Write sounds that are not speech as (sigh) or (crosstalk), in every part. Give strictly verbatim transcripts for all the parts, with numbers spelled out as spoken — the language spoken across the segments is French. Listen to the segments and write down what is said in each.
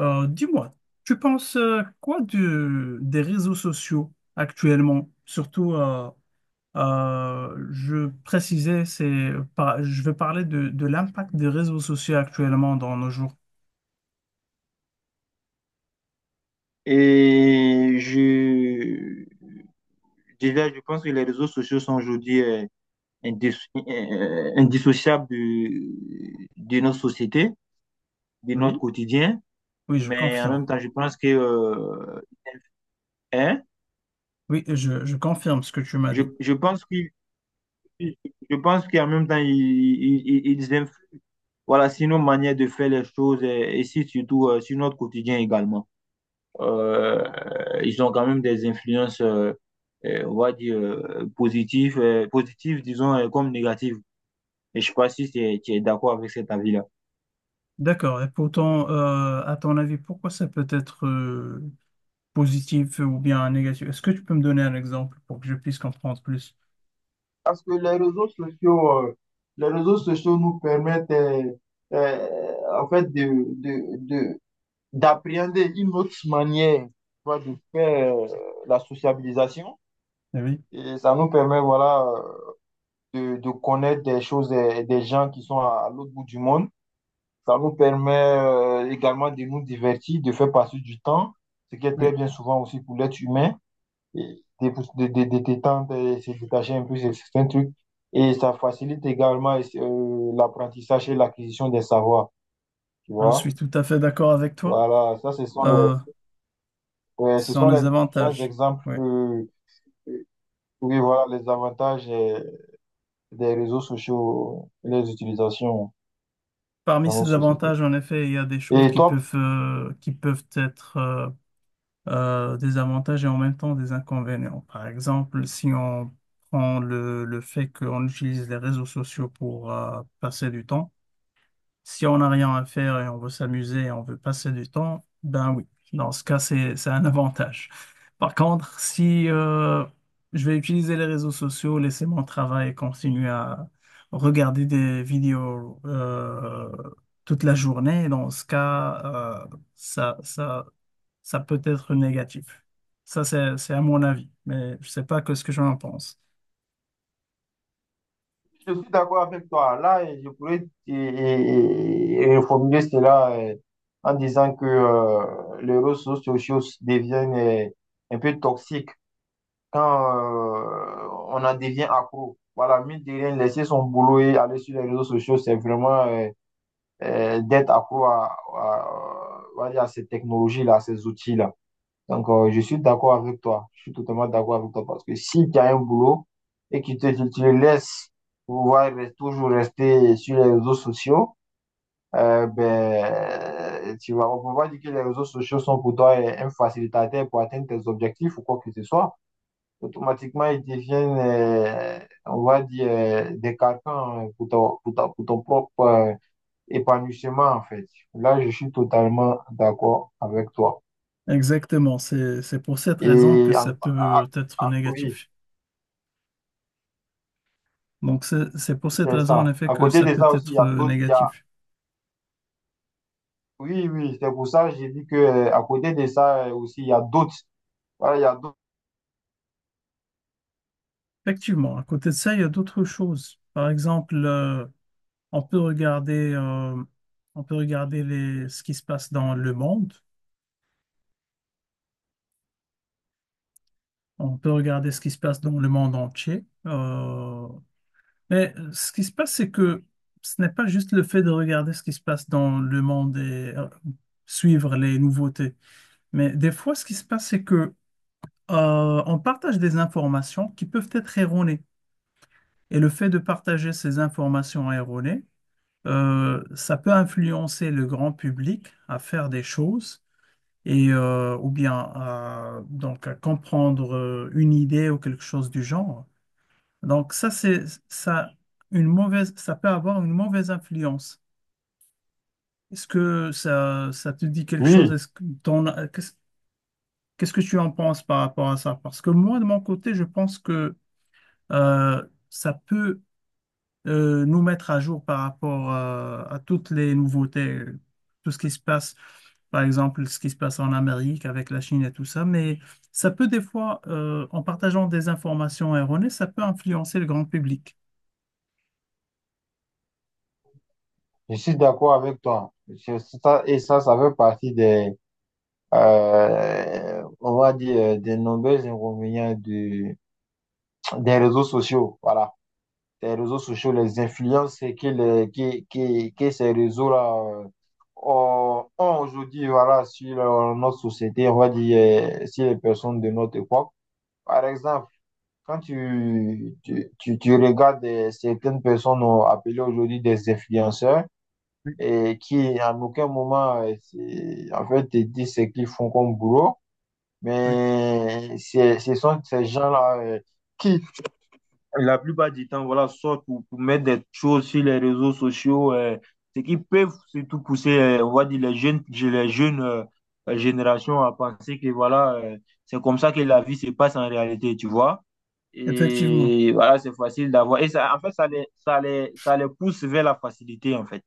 Euh, dis-moi, tu penses euh, quoi de- des réseaux sociaux actuellement? Surtout, euh, euh, je précisais, c'est, par- je veux parler de, de l'impact des réseaux sociaux actuellement dans nos jours. Et je, déjà, je pense que les réseaux sociaux sont aujourd'hui euh, indisso- euh, indissociables de, de notre société, de notre Oui, quotidien. oui, je Mais en confirme. même temps, je pense que, euh, hein, Oui, je, je confirme ce que tu m'as je, dit. je pense que, je pense qu'en même temps, ils, ils, ils ils influent, voilà, sur nos manières de faire les choses et, et si, surtout euh, sur notre quotidien également. Euh, Ils ont quand même des influences, euh, euh, on va dire, euh, positives, euh, positives, disons, euh, comme négatives. Et je ne sais pas si tu es, tu es d'accord avec cet avis-là. D'accord. Et pourtant, euh, à ton avis, pourquoi ça peut être euh, positif ou bien négatif? Est-ce que tu peux me donner un exemple pour que je puisse comprendre plus? Parce que les réseaux sociaux, euh, les réseaux sociaux nous permettent euh, euh, en fait de, de, d'appréhender une autre manière, voilà, de faire euh, la sociabilisation. Eh oui, Et ça nous permet, voilà, euh, de, de connaître des choses et des gens qui sont à, à l'autre bout du monde. Ça nous permet euh, également de nous divertir, de faire passer du temps, ce qui est très oui, bien souvent aussi pour l'être humain, et de, de, de, de détendre et se détacher un peu de certains trucs. Et ça facilite également euh, l'apprentissage et l'acquisition des savoirs, tu je vois. suis tout à fait d'accord avec toi. Voilà, ça, ce sont Euh, les, ouais, ce Sans sont les les différents avantages. exemples Oui. que… Oui, voilà les avantages euh, des réseaux sociaux et les utilisations Parmi dans nos ces sociétés. avantages, en effet, il y a des choses Et qui toi, peuvent, euh, qui peuvent être euh, euh, des avantages et en même temps des inconvénients. Par exemple, si on prend le, le fait qu'on utilise les réseaux sociaux pour euh, passer du temps. Si on n'a rien à faire et on veut s'amuser et on veut passer du temps, ben oui, dans ce cas, c'est, c'est un avantage. Par contre, si euh, je vais utiliser les réseaux sociaux, laisser mon travail et continuer à regarder des vidéos euh, toute la journée, dans ce cas, euh, ça, ça, ça peut être négatif. Ça, c'est, c'est à mon avis, mais je sais pas que ce que j'en pense. je suis d'accord avec toi. Là, et je pourrais et- et- et reformuler cela euh, en disant que euh, les réseaux sociaux deviennent euh, un peu toxiques quand euh, on en devient accro. Voilà, mine de rien, laisser son boulot et aller sur les réseaux sociaux, c'est vraiment euh, euh, d'être accro à, à, on va dire à ces technologies-là, à ces outils-là. Donc, euh, je suis d'accord avec toi. Je suis totalement d'accord avec toi parce que si tu as un boulot et que tu, tu- tu le laisses pouvoir re- toujours rester sur les réseaux sociaux, euh, ben, tu vas, on peut pas dire que les réseaux sociaux sont pour toi euh, un facilitateur pour atteindre tes objectifs ou quoi que ce soit. Automatiquement, ils deviennent, euh, on va dire, euh, des carcans euh, pour ton, pour ta- pour ton propre euh, épanouissement, en fait. Là, je suis totalement d'accord avec toi. Exactement, c'est, c'est pour cette raison que Et ça en- ah, peut être ah, oui. négatif. Donc, c'est c'est pour cette C'est raison, en ça. effet, À que côté ça de peut ça aussi, il y être a euh, d'autres. Il y a… négatif. Oui, oui, c'est pour ça que j'ai dit que euh, à côté de ça euh, aussi, il y a d'autres. Voilà, il y a d'autres. Effectivement, à côté de ça, il y a d'autres choses. Par exemple, euh, on peut regarder, euh, on peut regarder les, ce qui se passe dans le monde. On peut regarder ce qui se passe dans le monde entier. Euh, mais euh, ce qui se passe, c'est que ce n'est pas juste le fait de regarder ce qui se passe dans le monde et euh, suivre les nouveautés. Mais des fois, ce qui se passe, c'est que, euh, on partage des informations qui peuvent être erronées. Et le fait de partager ces informations erronées, euh, ça peut influencer le grand public à faire des choses et euh, ou bien à, donc à comprendre euh, une idée ou quelque chose du genre. Donc ça c'est ça une mauvaise ça peut avoir une mauvaise influence. Est-ce que ça ça te dit quelque chose? Oui, Est-ce que t'en as- qu'est-ce Qu'est-ce que tu en penses par rapport à ça? Parce que moi de mon côté je pense que euh, ça peut euh, nous mettre à jour par rapport euh, à toutes les nouveautés, euh, tout ce qui se passe, par exemple, ce qui se passe en Amérique avec la Chine et tout ça. Mais ça peut des fois, euh, en partageant des informations erronées, ça peut influencer le grand public. je suis d'accord avec toi. Je- ça- et ça, ça fait partie des, euh, on va dire, euh, des nombreux inconvénients du- des réseaux sociaux. Voilà. Des réseaux sociaux, les influences que, les, que, que, que ces réseaux-là euh, ont ont aujourd'hui, voilà, sur euh, notre société, on va dire, euh, sur les personnes de notre époque. Par exemple, quand tu, tu, tu, tu regardes euh, certaines personnes euh, appelées aujourd'hui des influenceurs et qui à aucun moment euh, c'est- en fait te disent ce qu'ils font comme boulot, Oui. mais c'est- ce sont ces gens-là euh, qui la plupart du temps, voilà, sortent pour, pour mettre des choses sur les réseaux sociaux, euh, ce qui peut surtout pousser, euh, on va dire, les jeunes, les jeunes euh, générations à penser que voilà, euh, c'est comme ça que la vie se passe en réalité, tu vois. Effectivement, Et voilà, c'est facile d'avoir. Et ça, en fait, ça les, ça les, ça les pousse vers la facilité, en fait.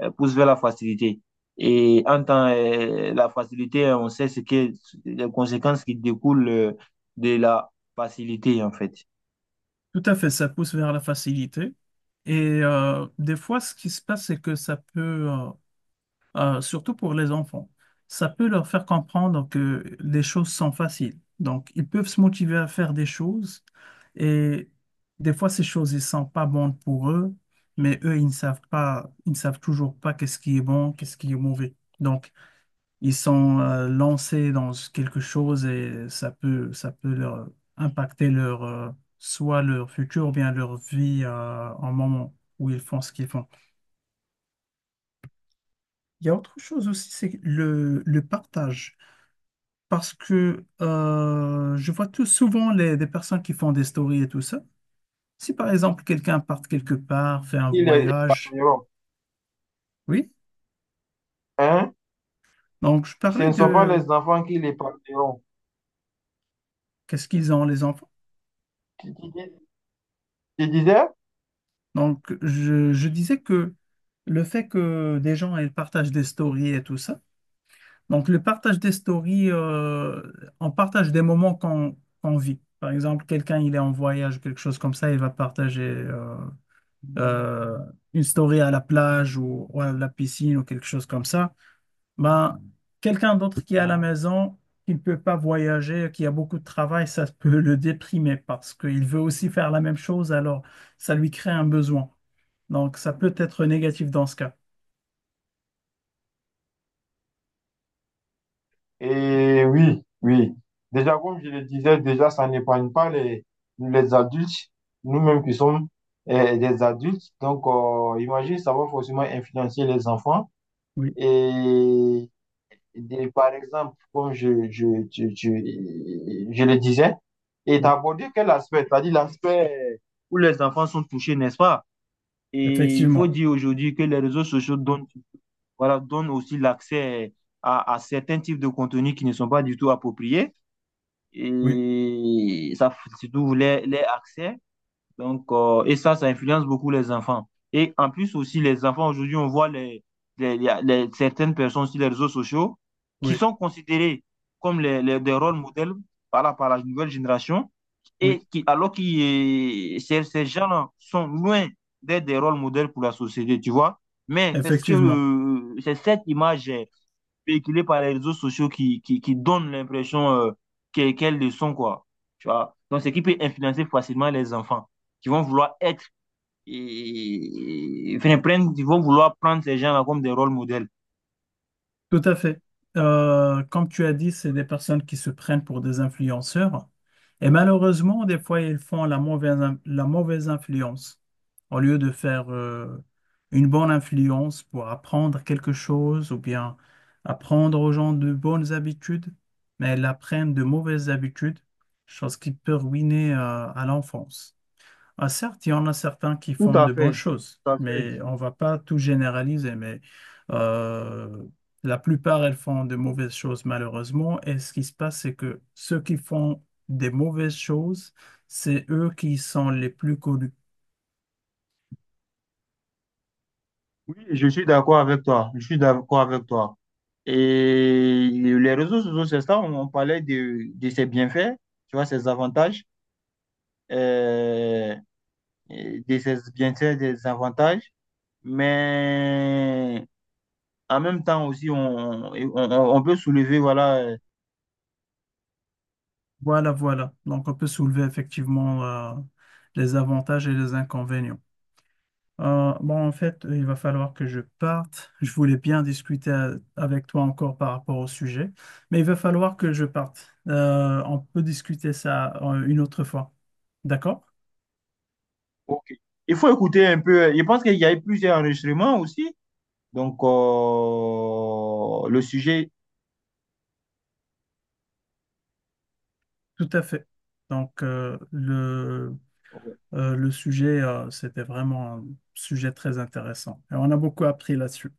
Euh, pousse vers la facilité. Et en tant euh, la facilité, on sait ce que les conséquences qui découlent euh, de la facilité, en fait. tout à fait, ça pousse vers la facilité. Et euh, des fois, ce qui se passe, c'est que ça peut, euh, euh, surtout pour les enfants. Ça peut leur faire comprendre que les choses sont faciles. Donc, ils peuvent se motiver à faire des choses et des fois, ces choses, ils sont pas bonnes pour eux, mais eux, ils ne savent pas, ils ne savent toujours pas qu'est-ce qui est bon, qu'est-ce qui est mauvais. Donc, ils sont euh, lancés dans quelque chose et ça peut, ça peut leur impacter leur, euh, soit leur futur ou bien leur vie euh, en moment où ils font ce qu'ils font. Il y a autre chose aussi, c'est le, le partage. Parce que euh, je vois tout souvent les, des personnes qui font des stories et tout ça. Si par exemple quelqu'un part quelque part, fait un Il est… voyage, oui. Hein? Donc je Ce parlais ne sont pas de les enfants qui les parleront. qu'est-ce qu'ils ont les enfants. Tu, tu dis- tu disais? Donc je, je disais que le fait que des gens ils partagent des stories et tout ça. Donc le partage des stories, euh, on partage des moments qu'on qu'on vit. Par exemple, quelqu'un il est en voyage, quelque chose comme ça, il va partager. Euh, euh, une story à la plage ou, ou à la piscine ou quelque chose comme ça, ben, quelqu'un d'autre qui est à la Mhm. maison, qui ne peut pas voyager, qui a beaucoup de travail, ça (laughs) peut le déprimer parce qu'il veut aussi faire la même chose, alors ça lui crée un besoin. Donc, ça peut être négatif dans ce cas. Et oui, oui. Déjà, comme je le disais, déjà, ça n'épargne pas les, les adultes, nous-mêmes qui sommes euh, des adultes. Donc, euh, imagine, ça va forcément influencer les enfants. Oui, Et des… par exemple, comme je, je, je, je, je le disais, et t'as oui. abordé quel aspect? T'as dit l'aspect où les enfants sont touchés, n'est-ce pas? Et il faut Effectivement. dire aujourd'hui que les réseaux sociaux donnent, voilà, donne aussi l'accès à, à certains types de contenus qui ne sont pas du tout appropriés. Oui, Et ça, surtout les, les accès donc, euh, et ça, ça influence beaucoup les enfants. Et en plus aussi, les enfants, aujourd'hui, on voit les, les- les- les- certaines personnes sur les réseaux sociaux qui oui, sont considérées comme les, les- des rôles modèles par la, par la nouvelle génération, oui, et qui, alors que ces, ces gens-là sont loin d'être des rôles modèles pour la société, tu vois. Mais c'est ce que, effectivement. euh, c'est cette image véhiculée par les réseaux sociaux qui, qui, qui donne l'impression euh, qu'elles qu'elles le sont, quoi. Tu vois? Donc, ce qui peut influencer facilement les enfants qui vont vouloir être, et, et- enfin, prendre, ils vont vouloir prendre ces gens-là comme des rôles modèles. Tout à fait. Euh, comme tu as dit, c'est des personnes qui se prennent pour des influenceurs. Et malheureusement, des fois, ils font la mauvaise, in- la mauvaise influence. Au lieu de faire euh, une bonne influence pour apprendre quelque chose ou bien apprendre aux gens de bonnes habitudes, mais ils apprennent de mauvaises habitudes, chose qui peut ruiner euh, à l'enfance. Ah, certes, il y en a certains qui Tout font à de bonnes fait, choses, tout à fait. mais on va pas tout généraliser. Mais euh, la plupart, elles font de mauvaises choses, malheureusement. Et ce qui se passe, c'est que ceux qui font des mauvaises choses, c'est eux qui sont les plus connus. Oui, je suis d'accord avec toi. Je suis d'accord avec toi. Et les réseaux sociaux, c'est ça, on, on parlait de, de ses bienfaits, tu vois, ses avantages, euh, et de ses bienfaits, des avantages. Mais en même temps aussi, on, on, on peut soulever, voilà. euh, Voilà, voilà. Donc, on peut soulever effectivement euh, les avantages et les inconvénients. Euh, bon, en fait, il va falloir que je parte. Je voulais bien discuter euh, avec toi encore par rapport au sujet, mais il va falloir que je parte. Euh, on peut discuter ça euh, une autre fois. D'accord? Ok. Il faut écouter un peu. euh, Je pense qu'il y a eu plusieurs enregistrements aussi. Donc, euh, le sujet. Tout à fait. Donc, euh, le, euh, le sujet, euh, c'était vraiment un sujet très intéressant. Et on a beaucoup appris là-dessus.